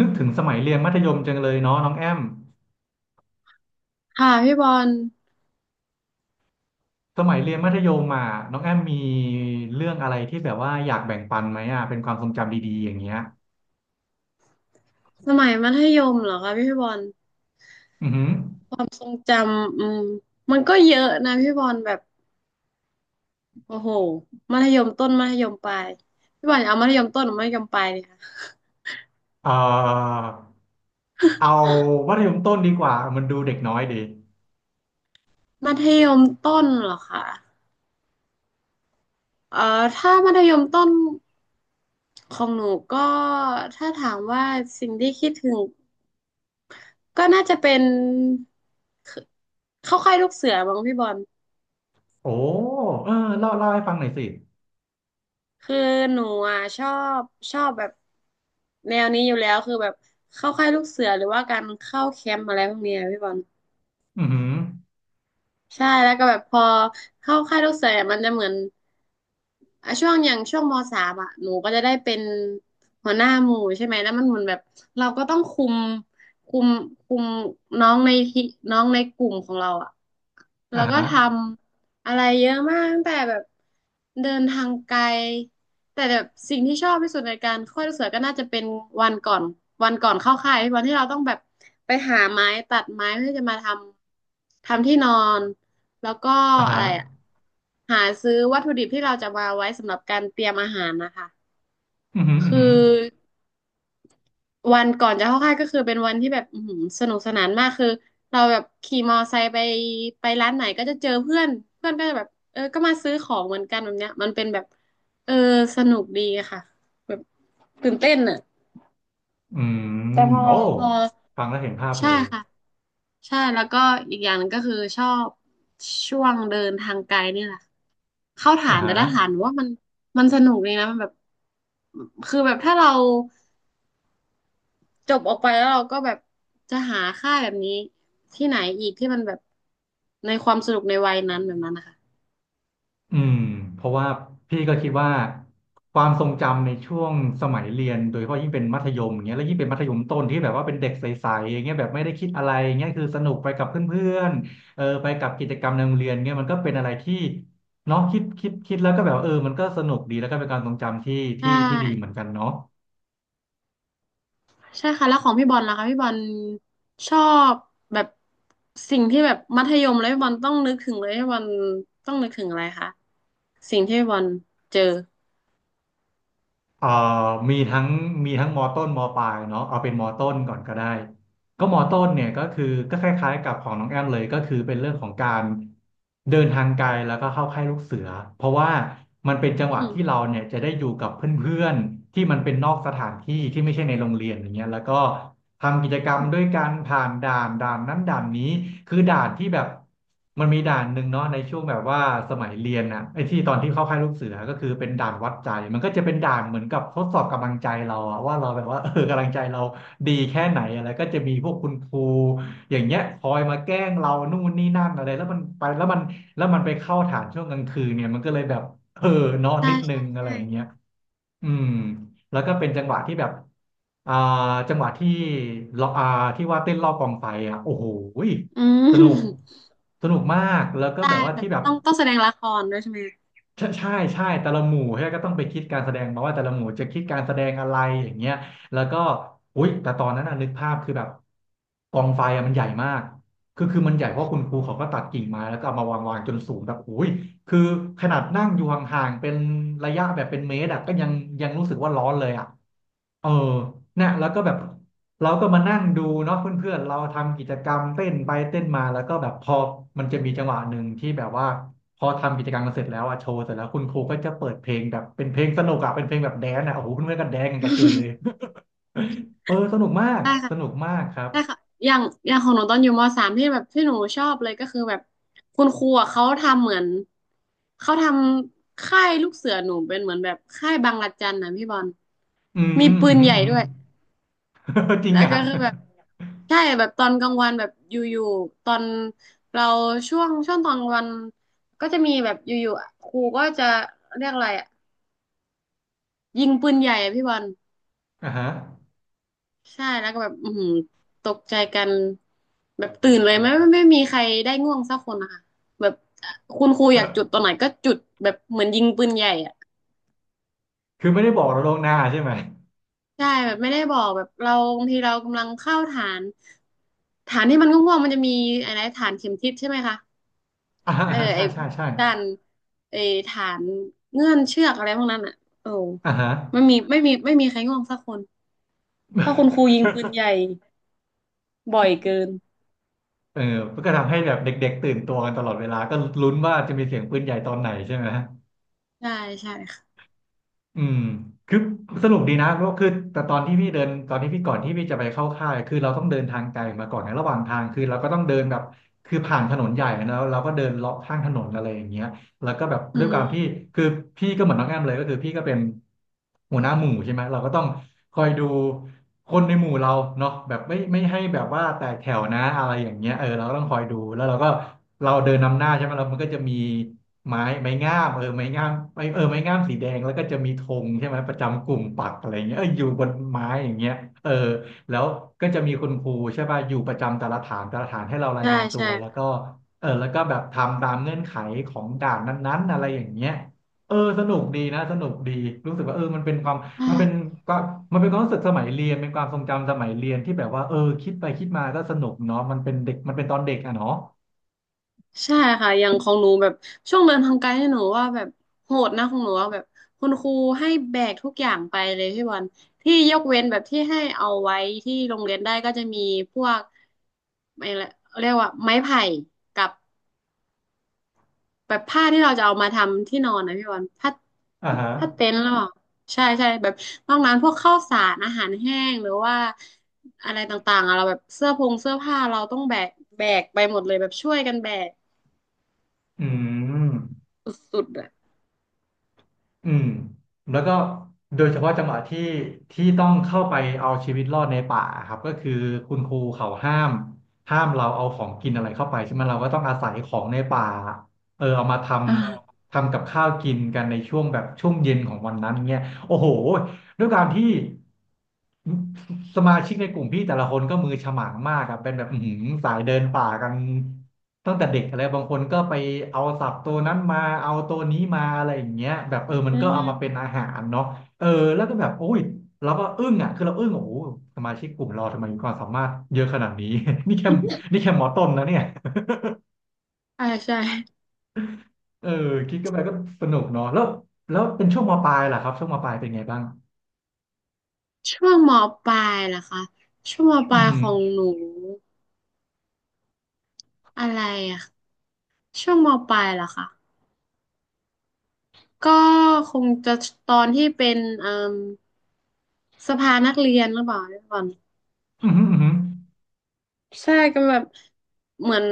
นึกถึงสมัยเรียนมัธยมจังเลยเนาะน้องแอมค่ะพี่บอลสมัยเรียนมัธยมอ่ะน้องแอมมีเรื่องอะไรที่แบบว่าอยากแบ่งปันไหมอ่ะเป็นความทรงจำดีๆอย่างเงี้ยสมัยมัธยมเหรอคะพี่บอลอือหือความทรงจำอืมมันก็เยอะนะพี่บอลแบบโอ้โหมัธยมต้นมัธยมปลายพี่บอลเอามัธยมต้นหรือมัธยมปลายดีคะเอ่อเอามัธยมต้นดีกว่ามันดูเด็กน้อยดีมัธยมต้นเหรอคะเอ่อถ้ามัธยมต้นของหนูก็ถ้าถามว่าสิ่งที่คิดถึงก็น่าจะเป็นเข้าค่ายลูกเสือบ้างพี่บอล โอ้เออเล่าให้ฟังหน่อยสิคือหนูอ่ะชอบแบบแนวนี้อยู่แล้วคือแบบเข้าค่ายลูกเสือหรือว่าการเข้าแคมป์อะไรพวกเนี้ยพี่บอลอือหือใช่แล้วก็แบบพอเข้าค่ายลูกเสืออะมันจะเหมือน อ่ะช่วงอย่างช่วงมสามอ่ะหนูก็จะได้เป็นหัวหน้าหมู่ใช่ไหมแล้วมันเหมือนแบบเราก็ต้องคุมคุมคุมน้องในที่น้องในกลุ่มของเราอ่ะแล้อ่าวก็ฮะทำอะไรเยอะมากตั้งแต่แบบเดินทางไกลแต่แบบสิ่งที่ชอบที่สุดในการค่อยลูกเสือก็น่าจะเป็นวันก่อนวันก่อนเข้าค่ายวันที่เราต้องแบบไปหาไม้ตัดไม้เพื่อจะมาทำที่นอน แล้วก็อ่าฮะอะไรอะหาซื้อวัตถุดิบที่เราจะมาไว้สำหรับการเตรียมอาหารนะคะอือหืออือคือหือวันก่อนจะเข้าค่ายก็คือเป็นวันที่แบบอื้อหือสนุกสนานมากคือเราแบบขี่มอไซค์ไปไปร้านไหนก็จะเจอเพื่อนเพื่อนก็จะแบบเออก็มาซื้อของเหมือนกันแบบเนี้ยมันเป็นแบบเออสนุกดีอะค่ะแบบตื่นเต้นอะอืมแต่พอโอ้พอ ฟังแล้วเห็นภาพเลใช่ยค่ะใช่แล้วก็อีกอย่างหนึ่งก็คือชอบช่วงเดินทางไกลเนี่ยแหละค่ะเข้าฐาอ่านแต่ฮะ ละฐานหนูว่ามันสนุกเลยนะมันแบบคือแบบถ้าเราจบออกไปแล้วเราก็แบบจะหาค่ายแบบนี้ที่ไหนอีกที่มันแบบในความสนุกในวัยนั้นแบบนั้นนะคะอืมเพราะว่าพี่ก็คิดว่าความทรงจำในช่วงสมัยเรียนโดยเฉพาะยิ่งเป็นมัธยมอย่างเงี้ยแล้วยิ่งเป็นมัธยมต้นที่แบบว่าเป็นเด็กใสๆอย่างเงี้ยแบบไม่ได้คิดอะไรอย่างเงี้ยคือสนุกไปกับเพื่อนๆเออไปกับกิจกรรมในโรงเรียนเงี้ยมันก็เป็นอะไรที่เนาะคิดแล้วก็แบบว่าเออมันก็สนุกดีแล้วก็เป็นการทรงจำที่ใช่ ที่ดีเหมือนกันเนาะ ใช่ค่ะแล้วของพี่บอลล่ะคะพี่บอลชอบแบบสิ่งที่แบบมัธยมแล้วพี่บอลต้องนึกถึงเลยพี่บอลต้องนึกถึงอะไรคะสิ่งที่พี่บอลเจอเอ่อมีทั้งมีทั้งมอต้นมอปลายเนาะเอาเป็นมอต้นก่อนก็ได้ก็มอต้นเนี่ยก็คือก็คล้ายๆกับของน้องแอมเลยก็คือเป็นเรื่องของการเดินทางไกลแล้วก็เข้าค่ายลูกเสือเพราะว่ามันเป็นจังอืหวะที่เรามเนี่ยจะได้อยู่กับเพื่อนๆที่มันเป็นนอกสถานที่ที่ไม่ใช่ในโรงเรียนอย่างเงี้ยแล้วก็ทำกิจกรรมด้วยการผ่านด่านด่านนั้นด่านนี้คือด่านที่แบบ มันมีด่านหนึ่งเนาะในช่วงแบบว่าสมัยเรียนน่ะไอ้ที่ตอนที่เข้าค่ายลูกเสือก็คือเป็นด่านวัดใจมันก็จะเป็นด่านเหมือนกับทดสอบกำลังใจเราอะว่าเราแบบว่าเออกำลังใจเราดีแค่ไหนอะไรก็จะมีพวกคุณครูอย่างเงี้ยคอยมาแกล้งเรานู่นนี่นั่นอะไรแล้วมันไปแล้วมันแล้วมันไปเข้าฐานช่วงกลางคืนเนี่ยมันก็เลยแบบเออเนอนใช่นิดนึใช่งอะไรใช่อย่างเงี้ยอืมแล้วก็เป็นจังหวะที่แบบอ่าจังหวะที่เราที่ว่าเต้นรอบกองไฟอ่ะโอ้โห อืสนุกมสนุกมากแล้วก็ได้แบบว่าแบที่บแบบต้องแสดงละครด้วยใช่ไหมใช่ใช่ใช่แต่ละหมู่เฮ้ยก็ต้องไปคิดการแสดงมาว่าแต่ละหมู่จะคิดการแสดงอะไรอย่างเงี้ยแล้วก็อุ๊ยแต่ตอนนั้นน่ะนึกภาพคือแบบกองไฟอ่ะมันใหญ่มากคือมันใหญ่เพราะคุณครูเขาก็ตัดกิ่งไม้แล้วก็เอามาวางจนสูงแบบอุ้ยคือขนาดนั่งอยู่ห่างๆเป็นระยะแบบเป็นเมตรอะก็ยังรู้สึกว่าร้อนเลยอ่ะ เออเนี่ยแล้วก็แบบเราก็มานั่งดูเนาะเพื่อนๆเราทำกิจกรรมเต้นไปเต้นมาแล้วก็แบบพอมันจะมีจังหวะหนึ่งที่แบบว่าพอทำกิจกรรมกันเสร็จแล้วอะโชว์เสร็จแล้วคุณครูก็จะเปิดเพลงแบบเป็นเพลงสนุกอะเป็นเพลงแบบแดนซ์อะโอ้โหเพื่อนๆก็แดนซ์กันกระจุยเลย เออสนุกมากใช่สค่ะนุกมากครับใช่ค่ะอย่างของหนูตอนอยู่มสามที่แบบที่หนูชอบเลยก็คือแบบคุณครูอะเขาทำเหมือนเขาทำค่ายลูกเสือหนูเป็นเหมือนแบบค่ายบังระจันนะพี่บอลอืมมีอืมปืนอืใหม ญ่ อืด้ม วย จริงแล้วอะก็คือแบบใช่แบบตอนกลางวันแบบอยู่ๆตอนเราช่วงตอนกลางวันก็จะมีแบบอยู่ๆครูก็จะเรียกอะไรอ่ะยิงปืนใหญ่อะพี่บอลอ่าฮะ ใช่แล้วก็แบบอือหือตกใจกันแบบตื่นเลยไม่มีใครได้ง่วงสักคนนะคะแบบคุณครูอยากจุดตอนไหนก็จุดแบบเหมือนยิงปืนใหญ่อ่ะ คือไม่ได้บอกเราล่วงหน้าใช่ไหม ใช่แบบไม่ได้บอกแบบเราบางทีเรากำลังเข้าฐานที่มันง่วงๆมันจะมีอะไรฐานเข็มทิศใช่ไหมคะ อ่าเอออ่าใช่ไอ้ใช่ใช่ด้านไอ้ฐานเงื่อนเชือกอะไรพวกนั้นอ่ะโอ้อ่าฮะ ไม่มีใครง่วงสักคนเพราะคุณครูยิงปืน ใหญ่บ่อยเกินเออมันก็ทำให้แบบเด็กๆตื่นตัวกันตลอดเวลาก็ลุ้นว่าจะมีเสียงปืนใหญ่ตอนไหนใช่ไหม ใช่ใช่ค่ะอืมคือสรุปดีนะเพราะคือแต่ตอนที่พี่เดินตอนที่พี่ก่อนที่พี่จะไปเข้าค่ายคือเราต้องเดินทางไกลมาก่อนในระหว่างทางคือเราก็ต้องเดินแบบคือผ่านถนนใหญ่แล้วเราก็เดินเลาะข้างถนนอะไรอย่างเงี้ยแล้วก็แบบอืด้วยความที่มคือพี่ก็เหมือนน้องแอมเลยก็คือพี่ก็เป็นหัวหน้าหมู่ใช่ไหมเราก็ต้องคอยดูคนในหมู่เราเนาะแบบไม่ให้แบบว่าแตกแถวนะอะไรอย่างเงี้ยเออเราก็ต้องคอยดูแล้วเราก็เราเดินนำหน้าใช่ไหมแล้วมันก็จะมี ไม้ไม้งามเออไม้งามไม้เออไม้งามสีแดงแล้วก็จะมีธงใช่ไหมประจำกลุ่มปักอะไรเงี้ยเอออยู่บนไม้อย่างเงี้ยเออแล้วก็จะมีคุณครูใช่ป่ะอยู่ประจำแต่ละฐานแต่ละฐานให้เรารายใช่งานตัวใช่แล้วก็เออแล้วก็แบบทำตามเงื่อนไขของด่านนั้นๆอะไรอย่างเงี้ยเออสนุกดีนะสนุกดีรู้สึกว่าเออมันเป็นความใช่มันเป็นก็มันเป็นความรู้สึกสมัยเรียนเป็นความทรงจำสมัยเรียนที่แบบว่าเออคิดไปคิดมาก็สนุกเนาะมันเป็นเด็กมันเป็นตอนเด็กอะเนาะใช่ค่ะอย่างของหนูแบบช่วงเดินทางไกลเนี่ยหนูว่าแบบโหดนะของหนูว่าแบบคุณครูให้แบกทุกอย่างไปเลยพี่บอลที่ยกเว้นแบบที่ให้เอาไว้ที่โรงเรียนได้ก็จะมีพวกอะไรเรียกว่าไม้ไผ่กับ แบบผ้าที่เราจะเอามาทำที่นอนนะพี่วันผ้าอ่าฮะผ้าเต็นท์หรอใช่ใช่แบบนอกนั้นพวกข้าวสารอาหารแห้งหรือว่าอะไรต่างๆอะเราแบบเสื้อพงเสื้อผ้าเราต้องแบกไปหมดเลยแบบช่วยกันแบกอืม สุดๆอะอืมแล้วก็โดยเฉพาะจังหวะที่ต้องเข้าไปเอาชีวิตรอดในป่าครับก็คือคุณครูเขาห้ามเราเอาของกินอะไรเข้าไปใช่ไหมเราก็ต้องอาศัยของในป่าเออเอามาทอ่าำกับข้าวกินกันในช่วงแบบช่วงเย็นของวันนั้นเงี้ยโอ้โห ด้วยการที่สมาชิกในกลุ่มพี่แต่ละคนก็มือฉมังมากอะเป็นแบบอื้อหือสายเดินป่ากันตั้งแต่เด็กอะไรบางคนก็ไปเอาสับตัวนั้นมาเอาตัวนี้มาอะไรอย่างเงี้ยแบบเออือมันก็เอามาเป็นมอาหารเนาะเออแล้วก็แบบโอ้ยเราก็อึ้งอ่ะคือเราอึ้งโอ้โหสมาชิกกลุ่มเราทำไมมีความสามารถเยอะขนาดนี้ นี่แค่หมอต้นนะเนี่ยใช่ใช่เออคิดก็ไปก็สนุกเนาะแล้วเป็นช่วงมปลายล่ะครับช่วงมปลายเป็นไงบ้างช่วงมปลายล่ะคะช่วงมปอืลาอยหืขอองหนูอะไรอะช่วงมปลายล่ะคะก็คงจะตอนที่เป็นเอ่มสภานักเรียนหรือเปล่าก่อน อือหืออือหือใช่ก็แบบเหมือน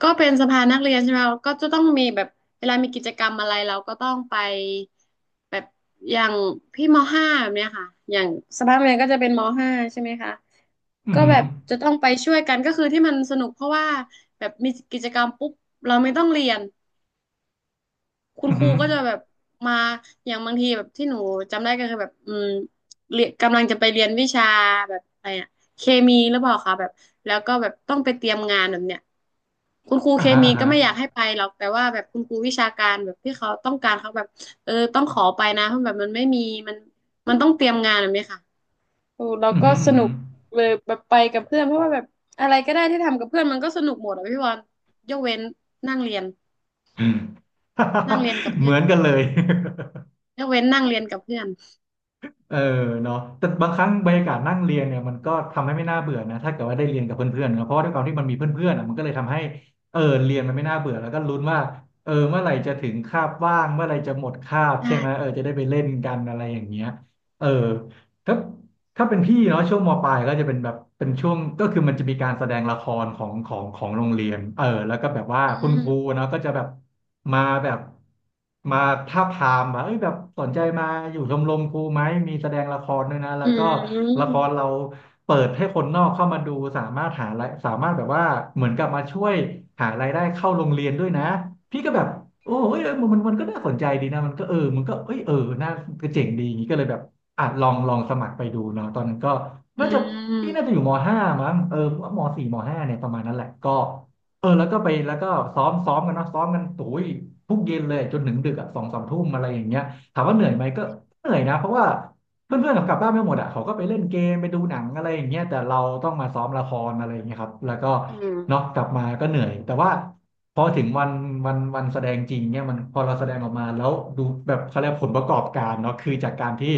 ก็เป็นสภานักเรียนใช่ไหมก็จะต้องมีแบบเวลามีกิจกรรมอะไรเราก็ต้องไปแบบอย่างพี่มห้าแบบเนี้ยค่ะอย่างสภานักเรียนก็จะเป็นมห้าใช่ไหมคะอือก็หืแบอ บจะต้องไปช่วยกันก็คือที่มันสนุกเพราะว่าแบบมีกิจกรรมปุ๊บเราไม่ต้องเรียน คุณอือครูหือก็จะแบบมาอย่างบางทีแบบที่หนูจำได้ก็คือแบบเรียนกำลังจะไปเรียนวิชาแบบอะไรอะเคมีหรือเปล่าคะแบบแล้วก็แบบต้องไปเตรียมงานแบบเนี้ยคุณครูอ่าเคฮะมีอ่าก็ฮะไม่อยากให้ไปหรอกแต่ว่าแบบคุณครูวิชาการแบบที่เขาต้องการเขาแบบเออต้องขอไปนะเพราะแบบมันไม่มีมันมันต้องเตรียมงานแบบนี้ค่ะโอ้เราอือก็หืออืสอหืนุอกเลยแบบไปกับเพื่อนเพราะว่าแบบอะไรก็ได้ที่ทำกับเพื่อนมันก็สนุกหมดอะพี่บอลยกเว้นนั่งเรียนอืม นั่งเรียนกับ เหเพื่อมืน อนกันเลย ยกเว้นนั่งเรียนกับเพื่อนเออเนาะแต่บางครั้งบรรยากาศนั่งเรียนเนี่ยมันก็ทำให้ไม่น่าเบื่อนะถ้าเกิดว่าได้เรียนกับเพื่อนๆเนอะเพราะว่าด้วยความที่มันมีเพื่อนๆอ่ะมันก็เลยทำให้เออเรียนมันไม่น่าเบื่อแล้วก็ลุ้นว่าเออเมื่อไหร่จะถึงคาบว่างเมื่อไหร่จะหมดคาบใช่อ่ไหมเออจะได้ไปเล่นกันอะไรอย่างเงี้ยเออถ้า เป็นพี่เนาะช่วงมปลายก็จะเป็นแบบเป็นช่วงก็คือมันจะมีการแสดงละครของโรงเรียนเออแล้วก็แบบว่าอืคุณครูมเนาะก็จะแบบมามาทาบทามว่าเอ้ยแบบสนใจมาอยู่ชมรมครูไหมมีแสดงละครด้วยนะแล้อืวก็ละคมรเรา เปิดให้คนนอกเข้ามาดูสามารถหารายสามารถแบบว่าเหมือนกับมาช่วยหารายได้เข้าโรงเรียนด้วยนะพี่ก็แบบโอ้เอ้ยมันก็น่าสนใจดีนะมันก็เออมันก็เอ้ยเออน่าก็เจ๋งดีอย่างนี้ก็เลยแบบอ่ะลองสมัครไปดูเนาะตอนนั้นก็อืน่าจะพี่น่ามจะอยู่มห้ามั้งเออมสี่มห้าเนี่ยประมาณนั้นแหละก็เออแล้วก็ไปแล้วก็ซ้อมกันเนาะซ้อมกันโุ้ยทุกเย็นเลยจนถึงดึกอ่ะสองสามทุ่มอะไรอย่างเงี้ยถามว่าเหนื่อยไหมก็เหนื่อยนะเพราะว่า เพื่อนๆเขากลับบ้านไม่หมดอ่ะเขาก็ไปเล่นเกมไปดูหนังอะไรอย่างเงี้ยแต่เราต้องมาซ้อมละครอะไรอย่างเงี้ยครับแล้วก็อืมเนาะกลับมาก็เหนื่อยแต่ว่าพอถึงวันแสดงจริงเนี่ยมันพอเราแสดงออกมาแล้วดูแบบเขาเรียกผลประกอบการเนาะคือจากการที่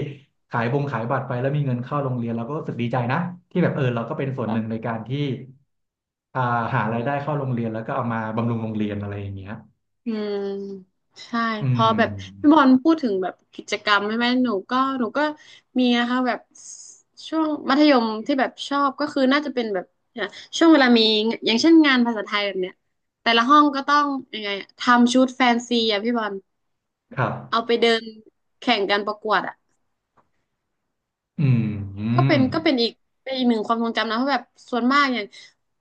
ขายบงขายบัตรไปแล้วมีเงินเข้าโรงเรียนเราก็รู้สึกดีใจนะที่แบบเออเราก็เป็นส่วนหนึ่งในการที่อ่าหารายได้เข้าโรงเรียนแล้วก็เอามาบำรุงโรงเรียนอะไรอย่างเงี้ยอืมใช่อืพอแบบพี่มบอลพูดถึงแบบกิจกรรมใช่ไหมหนูก็มีนะคะแบบช่วงมัธยมที่แบบชอบก็คือน่าจะเป็นแบบเนี่ยช่วงเวลามีอย่างเช่นงานภาษาไทยแบบเนี้ยแต่ละห้องก็ต้องยังไงอะทำชุดแฟนซีอะพี่บอลครับเอาไปเดินแข่งกันประกวดอะ อืมอก็เป็นอีกหนึ่งความทรงจำนะเพราะแบบส่วนมากอย่าง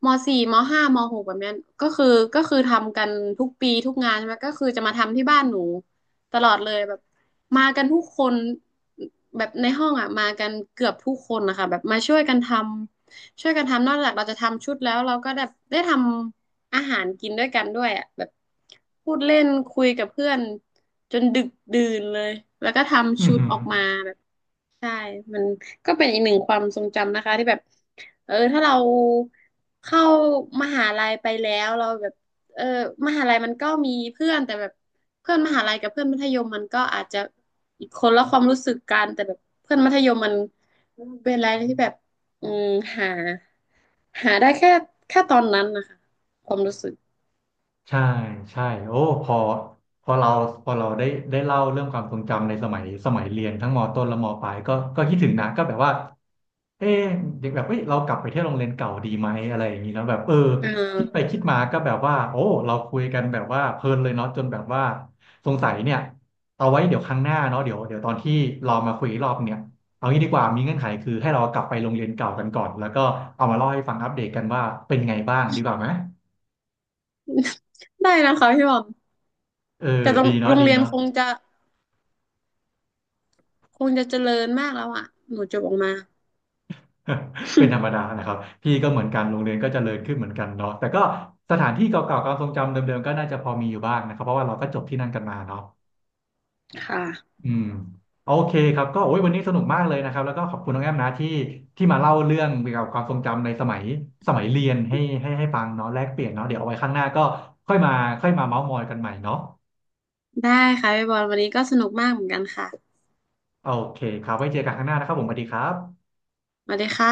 มสี่มห้ามหกแบบเนี้ยก็คือก็คือทำกันทุกปีทุกงานใช่ไหมก็คือจะมาทำที่บ้านหนูตลอดเลยแบบมากันทุกคนแบบในห้องอ่ะมากันเกือบทุกคนนะคะแบบมาช่วยกันทำนอกจากเราจะทำชุดแล้วเราก็ได้ทำอาหารกินด้วยกันด้วยอ่ะแบบพูดเล่นคุยกับเพื่อนจนดึกดื่นเลยแล้วก็ืทำชุม ดออกมา ใช่มันก็เป็นอีกหนึ่งความทรงจำนะคะที่แบบเออถ้าเราเข้ามหาลัยไปแล้วเราแบบเออมหาลัยมันก็มีเพื่อนแต่แบบเพื่อนมหาลัยกับเพื่อนมัธยมมันก็อาจจะอีกคนละความรู้สึกกันแต่แบบเพื่อนมัธยมมันเป็นอะไรที่แบบอืมหาหาได้แค่ตอนนั้นนะคะความรู้สึกใช่ใช่โอ้พอพอเราพอเราได้เล่าเรื่องความทรงจำในสมัยเรียนทั้งมต้นและมปลายก็คิดถึงนะก็แบบว่าเอ๊ะเด็กแบบเอ้ยเรากลับไปเที่ยวโรงเรียนเก่าดีไหมอะไรอย่างนี้แล้วแบบเอออ่คิดไปคิาดมาก็แบบว่าโอ้เราคุยกันแบบว่าเพลินเลยเนาะจนแบบว่าสงสัยเนี่ยเอาไว้เดี๋ยวครั้งหน้าเนาะเดี๋ยวตอนที่เรามาคุยอีกรอบเนี่ยเอางี้ดีกว่ามีเงื่อนไขคือให้เรากลับไปโรงเรียนเก่ากันก่อนแล้วก็เอามาเล่าให้ฟังอัปเดตกันว่าเป็นไงบ้างดีกว่าไหมได้นะคะพี่บอมเออแต่โรงดีเนาะโรงเรียนคงจะเจริญมากแล้วอ่ะหนูจบออกมา เป็นธรรมดานะครับพี่ก็เหมือนกันโรงเรียนก็เจริญขึ้นเหมือนกันเนาะแต่ก็สถานที่เก่าๆความทรงจำเดิมๆก็น่าจะพอมีอยู่บ้างนะครับเพราะว่าเราก็จบที่นั่นกันมาเนาะค่ะ อืมโอเคครับก็โอ้ยวันนี้สนุกมากเลยนะครับแล้วก็ขอบคุณน้องแอมนะที่มาเล่าเรื่องเกี่ยวกับความทรงจำในสมัยเรียนให้ฟังเนาะแลกเปลี่ยนเนาะเดี๋ยวเอาไว้ข้างหน้าก็ค่อยมาเม้าท์มอยกันใหม่เนาะได้ค่ะพี่บอลวันนี้ก็สนุกมากเหมือนกันค่ะโอเคครับไว้เจอกันข้างหน้านะครับผมสวัสดีครับมาเลยค่ะ